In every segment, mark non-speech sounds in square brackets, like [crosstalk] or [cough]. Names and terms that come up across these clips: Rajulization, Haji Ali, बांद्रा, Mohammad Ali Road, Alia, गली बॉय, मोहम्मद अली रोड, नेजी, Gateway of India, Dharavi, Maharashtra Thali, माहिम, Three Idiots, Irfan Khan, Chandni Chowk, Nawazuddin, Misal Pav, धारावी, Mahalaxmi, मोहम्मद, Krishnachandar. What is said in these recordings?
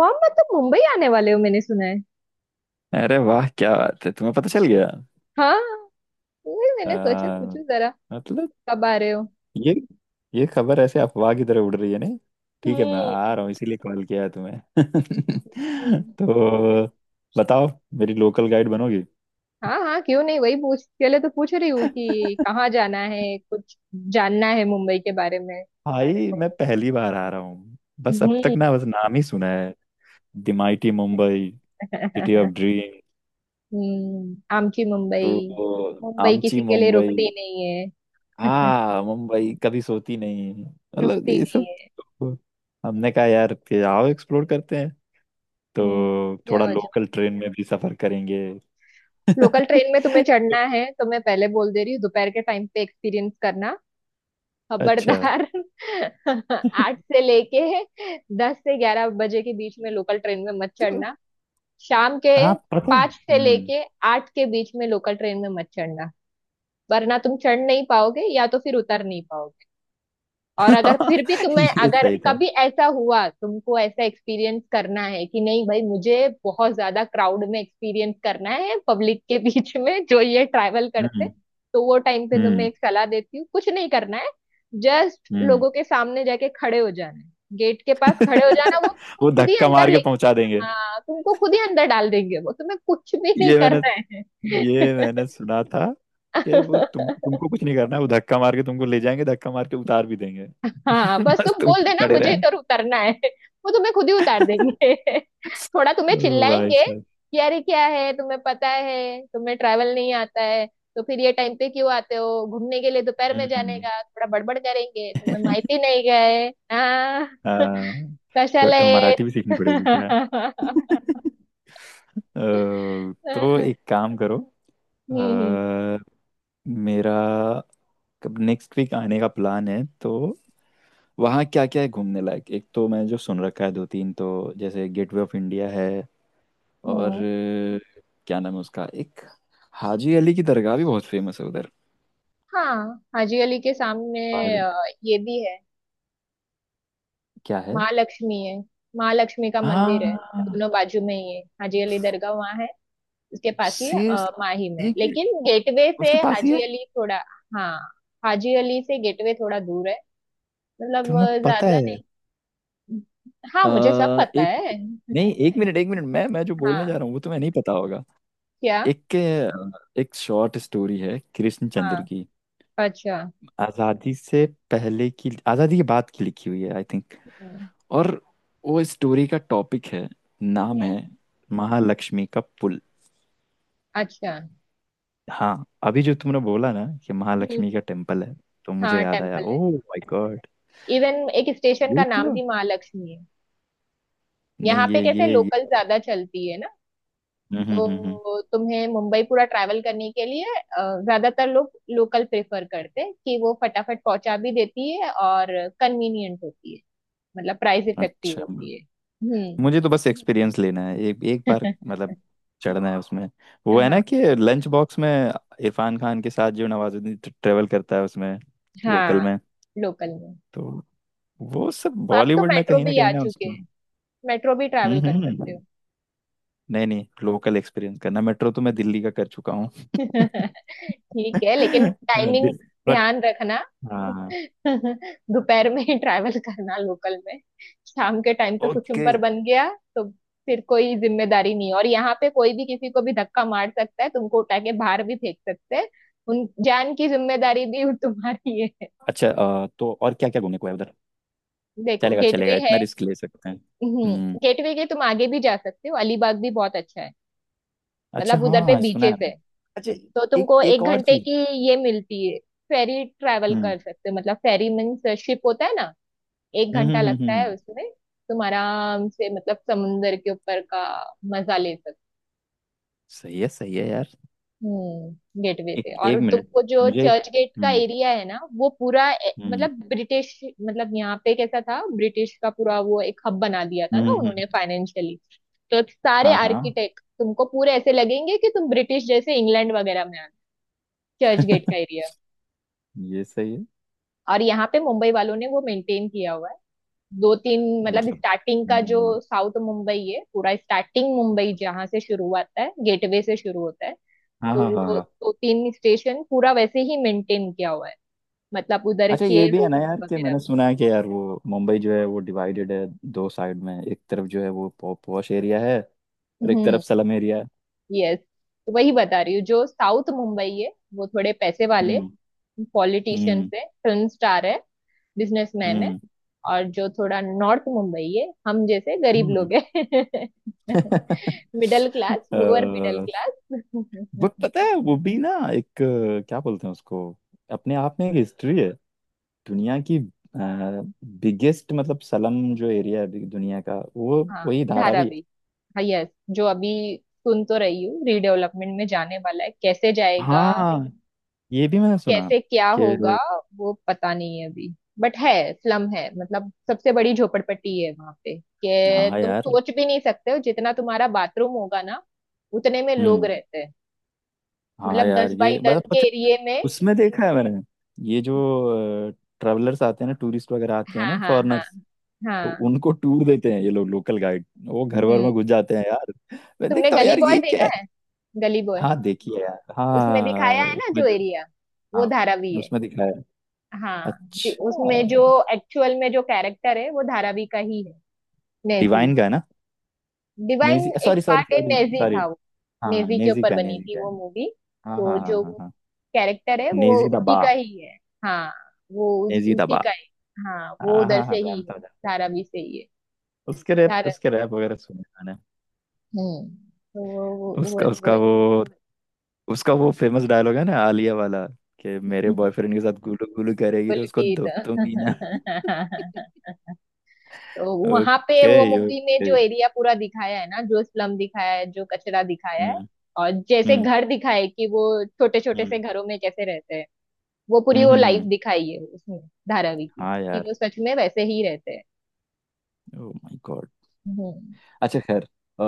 मोहम्मद, तुम मुंबई आने वाले हो मैंने सुना है। अरे वाह, क्या बात है! तुम्हें पता चल गया। हाँ, वही मैंने सोचा आ, पूछूं जरा। मतलब, कब आ रहे हो? ये ये खबर ऐसे अफवाह की तरह उड़ रही है नहीं? ठीक है, मैं आ हम्म। रहा हूँ इसीलिए कॉल किया है तुम्हें। [laughs] हम्म। तो बताओ, मेरी लोकल गाइड बनोगी? हाँ हाँ, क्यों नहीं, वही पूछ के लिए तो पूछ रही हूँ कि कहाँ जाना है, कुछ जानना है मुंबई के बारे में। भाई, मैं तो, पहली बार आ रहा हूँ, बस अब तक हम्म ना बस नाम ही सुना है। The mighty Mumbai, city of [laughs] dream. आमची मुंबई। तो मुंबई आमची किसी के लिए मुंबई। रुकती नहीं है। हाँ मुंबई [laughs] कभी सोती नहीं, [laughs] मतलब रुकती ये नहीं सब। है। हमने कहा यार कि आओ एक्सप्लोर करते हैं, हम्म, तो थोड़ा जाओ जाओ। लोकल ट्रेन में भी सफर करेंगे। लोकल ट्रेन में [laughs] तुम्हें चढ़ना है तो मैं पहले बोल दे रही हूँ, दोपहर के टाइम पे एक्सपीरियंस करना। अच्छा। खबरदार। [laughs] 8 से लेके 10 से 11 बजे के बीच में लोकल ट्रेन में मत तो चढ़ना। शाम के आप पता है। पाँच से हम्म। लेके आठ के बीच में लोकल ट्रेन में मत चढ़ना, वरना तुम चढ़ नहीं पाओगे या तो फिर उतर नहीं पाओगे। और अगर फिर भी [laughs] तुम्हें ये अगर सही था। कभी ऐसा हुआ, तुमको ऐसा एक्सपीरियंस करना है कि नहीं भाई मुझे बहुत ज्यादा क्राउड में एक्सपीरियंस करना है, पब्लिक के बीच में जो ये ट्रैवल करते, हम्म, तो वो टाइम पे तुम्हें हम्म, एक सलाह देती हूँ, कुछ नहीं करना है। जस्ट हम्म। लोगों के सामने जाके खड़े हो जाना है, गेट के पास खड़े हो जाना, वो तुमको वो खुद ही धक्का अंदर मार ले। के पहुंचा देंगे। हाँ, तुमको खुद ही अंदर डाल देंगे, वो तुम्हें कुछ भी नहीं ये मैंने करना ये मैंने सुना था कि वो है। तुम [laughs] तुमको कुछ नहीं करना है, वो धक्का मार के तुमको ले जाएंगे, धक्का मार के उतार भी देंगे। हाँ [laughs] बस बस तुम बोल तुमको देना खड़े मुझे रहना। इधर उतरना है, वो तुम्हें खुद ही उतार देंगे। [laughs] थोड़ा तुम्हें ओ भाई चिल्लाएंगे साहब। कि अरे क्या है, तुम्हें पता है तुम्हें ट्रैवल नहीं आता है, तो फिर ये टाइम पे क्यों आते हो घूमने के लिए, दोपहर में जाने हम्म। का, थोड़ा बड़बड़ करेंगे, तुम्हें माहिती [laughs] नहीं गए। हाँ, हाँ, कशाला तो येत? मराठी भी सीखनी पड़ेगी क्या? [laughs] [laughs] अ, तो एक काम करो। अ, हम्म। मेरा नेक्स्ट वीक आने का प्लान है, तो वहाँ क्या क्या है घूमने लायक? एक तो मैंने जो सुन रखा है दो तीन, तो जैसे गेटवे ऑफ इंडिया है, और हम्म। क्या नाम है उसका, एक हाजी अली की दरगाह भी बहुत फेमस है उधर। हाँ, हाजी अली के सामने पर अ, ये भी है, क्या है? महालक्ष्मी है, महालक्ष्मी का मंदिर है। हाँ, दोनों बाजू में ही है, हाजी अली दरगाह वहाँ है, उसके पास ही माही सीरियसली? में, एक मिनट, लेकिन गेटवे से उसके पास ही है? हाजी अली थोड़ा। हाँ, हाजी अली से गेटवे थोड़ा दूर है, मतलब तुम्हें पता ज्यादा नहीं। है? हाँ अ, मुझे सब पता एक, है। नहीं, एक मिनट, एक मिनट, मैं जो हाँ। बोलने जा रहा हूँ वो तुम्हें नहीं पता होगा। क्या? एक एक शॉर्ट स्टोरी है हाँ। कृष्णचंद्र की, अच्छा। आज़ादी से पहले की, आज़ादी के बाद की लिखी हुई है आई थिंक। हम्म। और वो स्टोरी का टॉपिक है, नाम हम्म। है, महालक्ष्मी का पुल। अच्छा। हाँ, अभी जो तुमने बोला ना कि हम्म। महालक्ष्मी का टेम्पल है, तो मुझे हाँ याद आया, टेम्पल है, ओह माय गॉड। इवन एक स्टेशन का ये नाम तो, भी महालक्ष्मी है। यहाँ नहीं, पे ये कैसे, ये लोकल ये ज्यादा चलती है ना, हम्म, हम्म, हम्म, तो तुम्हें मुंबई पूरा ट्रैवल करने के लिए ज्यादातर लोग लोकल प्रेफर करते हैं कि वो फटाफट पहुंचा भी देती है और कन्वीनियंट होती है, मतलब प्राइस इफेक्टिव अच्छा, होती है। हम्म। मुझे तो बस एक्सपीरियंस लेना है एक एक बार, मतलब [laughs] चढ़ना है उसमें। वो है ना हाँ कि लंच बॉक्स में इरफान खान के साथ जो नवाजुद्दीन ट्रेवल करता है उसमें, लोकल हाँ। में। लोकल में। तो वो सब अब तो बॉलीवुड, ना मेट्रो कहीं ना भी आ कहीं ना, चुके उसको। हैं, मेट्रो भी हम्म, ट्रैवल कर सकते हम्म। हो। नहीं नहीं, लोकल एक्सपीरियंस करना, मेट्रो तो मैं दिल्ली का कर चुका हूँ। [laughs] [laughs] ठीक है, लेकिन टाइमिंग बट ध्यान रखना। [laughs] हाँ। दोपहर में ही ट्रैवल करना लोकल में। शाम के टाइम पे कुछ ओके। ऊपर बन गया तो फिर कोई जिम्मेदारी नहीं, और यहाँ पे कोई भी किसी को भी धक्का मार सकता है, तुमको उठा के बाहर भी फेंक सकते हैं, उन जान की जिम्मेदारी भी [laughs] वो तुम्हारी है। अच्छा, तो और क्या क्या घूमने को है उधर? देखो चलेगा गेटवे चलेगा, है, इतना रिस्क ले सकते हैं। हम्म। गेटवे के तुम आगे भी जा सकते हो, अलीबाग भी बहुत अच्छा है, अच्छा, मतलब उधर पे हाँ, सुना बीचेस है है। मैंने। अच्छा, तो एक तुमको एक एक और घंटे चीज। की ये मिलती है, फेरी, ट्रैवल हम्म, कर सकते हो, मतलब फेरी मीन्स शिप होता है ना। एक हम्म, घंटा हम्म, लगता है उसमें, तुम आराम से मतलब समुंदर के ऊपर का मजा ले सकते हो। सही है, सही है यार। हम्म। गेटवे एक पे, और एक मिनट, तुमको जो मुझे एक। चर्च गेट का हम्म, एरिया है ना, वो पूरा हम्म, मतलब ब्रिटिश, मतलब यहाँ पे कैसा था, ब्रिटिश का पूरा वो एक हब बना दिया था ना हम्म, उन्होंने फाइनेंशियली। तो सारे हाँ हाँ। आर्किटेक्ट तुमको पूरे ऐसे लगेंगे कि तुम ब्रिटिश जैसे इंग्लैंड वगैरह में आ, चर्च गेट का [laughs] एरिया। ये सही है, और यहाँ पे मुंबई वालों ने वो मेंटेन किया हुआ है, दो तीन, मतलब मतलब। स्टार्टिंग का जो हम्म, साउथ मुंबई है, पूरा स्टार्टिंग मुंबई जहाँ से शुरू होता है गेटवे से शुरू होता है, हाँ तो हाँ हाँ वो हाँ। दो तीन स्टेशन पूरा वैसे ही मेंटेन किया हुआ है, मतलब उधर अच्छा, ये के भी है रूम ना यार, कि वगैरह मैंने भी। सुना है कि यार वो मुंबई जो है वो डिवाइडेड है दो साइड में, एक तरफ जो है वो पॉश एरिया है, और एक हम्म। तरफ स्लम एरिया है। यस। तो वही बता रही हूँ, जो साउथ मुंबई है वो थोड़े पैसे वाले, हम्म, पॉलिटिशियंस हम्म, है, फिल्म स्टार है, बिजनेसमैन है। हम्म, और जो थोड़ा नॉर्थ मुंबई है, हम जैसे गरीब हम्म। लोग हैं, [laughs] [laughs] मिडिल क्लास, अ, लोअर मिडिल क्लास। बट [laughs] पता है वो भी ना, एक क्या बोलते हैं उसको, अपने आप में एक हिस्ट्री है। दुनिया की बिगेस्ट, मतलब सलम जो एरिया है अभी दुनिया का, वो हाँ, वही धारावी है। धारावी। हाँ यस, जो अभी सुन तो रही हूँ रीडेवलपमेंट में जाने वाला है, कैसे जाएगा, हाँ, ये भी मैंने सुना कैसे क्या होगा, कि, वो पता नहीं है अभी। बट है, स्लम है, मतलब सबसे बड़ी झोपड़पट्टी है वहां पे, कि हाँ तुम यार। सोच भी नहीं सकते हो, जितना तुम्हारा बाथरूम होगा ना उतने में लोग हम्म। रहते हैं, हाँ मतलब यार, दस ये बाई दस मतलब के पता है, एरिए में। उसमें देखा है मैंने, ये जो ट्रेवलर्स आते हैं ना, टूरिस्ट वगैरह आते हैं हाँ ना, हाँ हाँ फॉरेनर्स, तो हाँ। उनको टूर देते हैं ये लोग, लोकल गाइड, वो घर भर हम्म। में घुस जाते हैं यार। मैं तुमने देखता हूँ गली यार, बॉय ये क्या? देखा है? गली बॉय, हाँ, देखिए यार, उसमें दिखाया हाँ है ना उसमें जो जो, एरिया, वो हाँ धारावी है। उसमें दिखाया है। हाँ, अच्छा, उसमें जो एक्चुअल में जो कैरेक्टर है, वो धारावी का ही है, नेजी। डिवाइन का है ना? डिवाइन नेजी, एक सॉरी, सॉरी, पार्ट है, सॉरी, नेजी सॉरी। था वो, हाँ, नेजी के नेजी ऊपर का बनी नेजी थी का है। वो मूवी। हाँ तो हाँ हाँ जो हाँ वो हाँ, कैरेक्टर है वो नेजी उसी दबा, का ही है। हाँ वो नेजी उसी दबा। का ही। हाँ वो हाँ उधर हाँ हाँ, से ही है, जानता हूँ, जानता धारावी से ही है। हूँ। धारा, उसके रैप वगैरह सुने मैंने। हम्म। तो वो वो उसका वो, उसका वो फेमस डायलॉग है ना, आलिया वाला, कि मेरे वो बॉयफ्रेंड के साथ गुलू गुलू करेगी तो उसको पुलकित। दुब दूंगी ना। [laughs] तो वहां पे ओके, वो मूवी में ओके। जो एरिया पूरा दिखाया है ना, जो स्लम दिखाया है, जो कचरा दिखाया है, हम्म, और जैसे हम्म, घर दिखाए कि वो छोटे छोटे से हम्म, घरों में कैसे रहते हैं, वो पूरी हम्म, वो लाइफ दिखाई है उसमें, धारावी की, हाँ कि यार, वो सच में वैसे ही रहते हैं। Oh my god. हम्म। अच्छा, खैर, अ,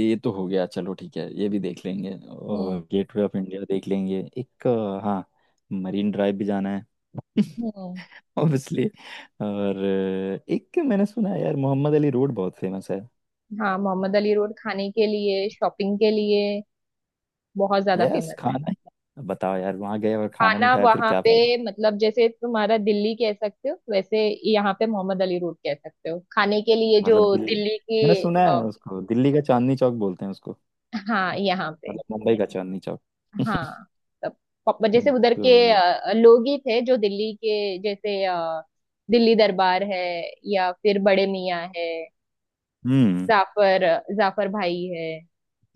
ये तो हो गया। चलो ठीक है, ये भी देख लेंगे और हम्म। गेटवे ऑफ इंडिया देख लेंगे, एक हाँ, मरीन ड्राइव भी जाना है। [laughs] हम्म। ऑब्वियसली। और एक मैंने सुना है यार, मोहम्मद अली रोड बहुत फेमस है। हाँ, मोहम्मद अली रोड खाने के लिए, शॉपिंग के लिए बहुत ज्यादा यस, फेमस है। खाना ही बताओ यार, वहाँ गए और खाना नहीं खाना खाया फिर वहां क्या पे, फायदा? मतलब जैसे तुम्हारा दिल्ली कह सकते हो, वैसे यहाँ पे मोहम्मद अली रोड कह सकते हो खाने के लिए, जो मतलब दिल्ली, दिल्ली मैंने की सुना है उसको दिल्ली का चांदनी चौक बोलते हैं उसको, हाँ यहाँ पे। मतलब मुंबई का चांदनी चौक। [laughs] हाँ तब, जैसे उधर के तो लोग ही थे जो दिल्ली के जैसे, दिल्ली दरबार है, या फिर बड़े मियाँ है, हम्म, जाफर, जाफर भाई है,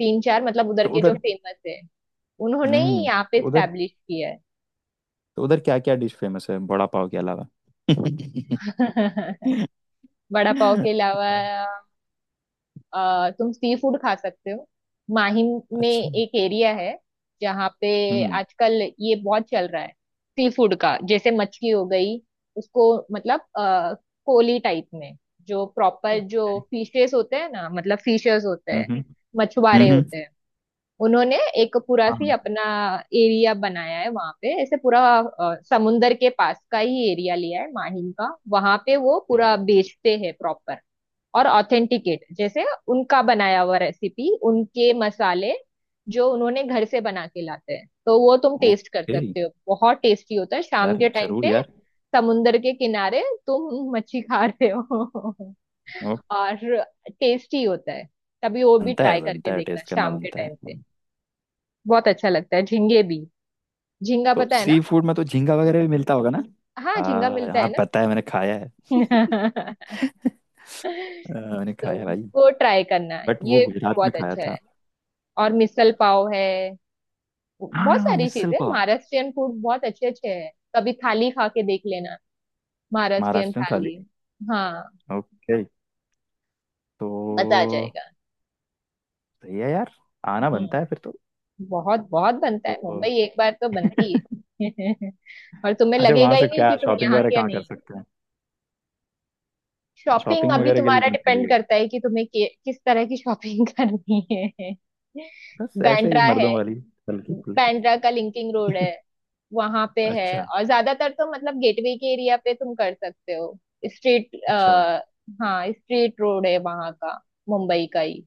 तीन चार, मतलब उधर तो के जो उधर फेमस है, उन्होंने ही हम्म यहाँ पे तो उधर स्टैब्लिश किया है। तो उधर क्या क्या डिश फेमस है बड़ा पाव के अलावा? [laughs] [laughs] वड़ा पाव के अलावा तुम सी फूड खा सकते हो। माहिम में अच्छा। एक एरिया है जहाँ पे हम्म। आजकल ये बहुत चल रहा है, सी फूड का, जैसे मछली हो गई, उसको मतलब कोली टाइप में, जो प्रॉपर जो ओके। फिशेस होते हैं ना, मतलब फिशर्स होते हम्म, हैं, हम्म, मछुआरे हम्म, होते हैं, उन्होंने एक पूरा सी हाँ, अपना एरिया बनाया है वहां पे, ऐसे पूरा समुंदर के पास का ही एरिया लिया है माहिम का, वहां पे वो पूरा हम्म, बेचते हैं, प्रॉपर और ऑथेंटिकेट, जैसे उनका बनाया हुआ रेसिपी, उनके मसाले जो उन्होंने घर से बना के लाते हैं, तो वो तुम टेस्ट कर ओके। सकते हो। बहुत टेस्टी होता है शाम यार के टाइम जरूर पे, यार। समुंदर के किनारे तुम मच्छी खा रहे हो, ओ, [laughs] और टेस्टी होता है। तभी वो भी बनता है, ट्राई करके बनता है, देखना टेस्ट करना शाम के बनता है। टाइम पे, बहुत अच्छा लगता है। झींगे भी, झींगा तो पता है सी ना, फूड में तो झींगा वगैरह भी मिलता होगा ना? हाँ झींगा हाँ मिलता है हाँ, ना। पता है, मैंने खाया है। [laughs] [laughs] मैंने खाया तो है भाई, वो ट्राई करना, बट वो ये गुजरात में बहुत खाया अच्छा है। था। और मिसल पाव है, बहुत हाँ, सारी मिसल चीजें, पाव, महाराष्ट्रियन फूड बहुत अच्छे अच्छे हैं, कभी थाली खा के देख लेना, महाराष्ट्रियन महाराष्ट्र थाली, थाली। हाँ, ओके। तो मजा आ जाएगा। सही है यार, आना बनता है हम्म। फिर तो। बहुत बहुत बनता है, तो मुंबई एक बार तो बनती है। [laughs] और तुम्हें अच्छा, लगेगा वहां ही से नहीं क्या कि तुम शॉपिंग यहाँ, वगैरह क्या कहाँ कर नहीं। सकते हैं? शॉपिंग शॉपिंग अभी वगैरह के लिए तुम्हारा कौन सी डिपेंड जगह? करता है कि तुम्हें किस तरह की शॉपिंग [laughs] करनी है। बस ऐसे ही, बैंड्रा मर्दों है, वाली, हल्की फुल्की। बांद्रा का लिंकिंग रोड है, [laughs] वहां पे है, अच्छा, और ज्यादातर तो मतलब गेटवे के एरिया पे तुम कर सकते हो। स्ट्रीट अच्छा, आ, हाँ स्ट्रीट रोड है वहां का, मुंबई का ही,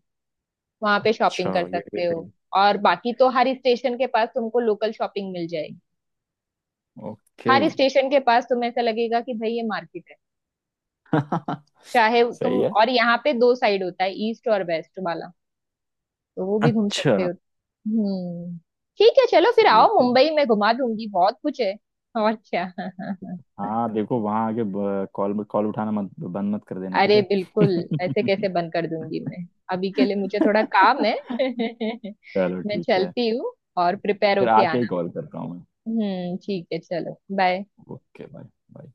वहां पे अच्छा, शॉपिंग कर ये भी सकते हो। सही। और बाकी तो हर स्टेशन के पास तुमको लोकल शॉपिंग मिल जाएगी, ओके। हर स्टेशन के पास तुम्हें ऐसा लगेगा कि भाई ये मार्केट है, [laughs] चाहे तुम। सही है। और यहाँ पे दो साइड होता है, ईस्ट और वेस्ट वाला, तो वो भी घूम सकते अच्छा, हो। हम्म, ठीक है, चलो फिर सही है, आओ, सही है। मुंबई में घुमा दूंगी बहुत कुछ है, और क्या। [laughs] हाँ देखो, वहां आके कॉल, उठाना मत, बंद मत कर देना, ठीक अरे है? बिल्कुल, ऐसे कैसे बंद कर दूंगी मैं। [laughs] अभी के लिए मुझे थोड़ा काम है, [laughs] चलो मैं ठीक है, चलती हूँ, और प्रिपेयर फिर होके आके ही आना। कॉल करता हूँ मैं। ठीक है, चलो बाय। Okay bye. बाय।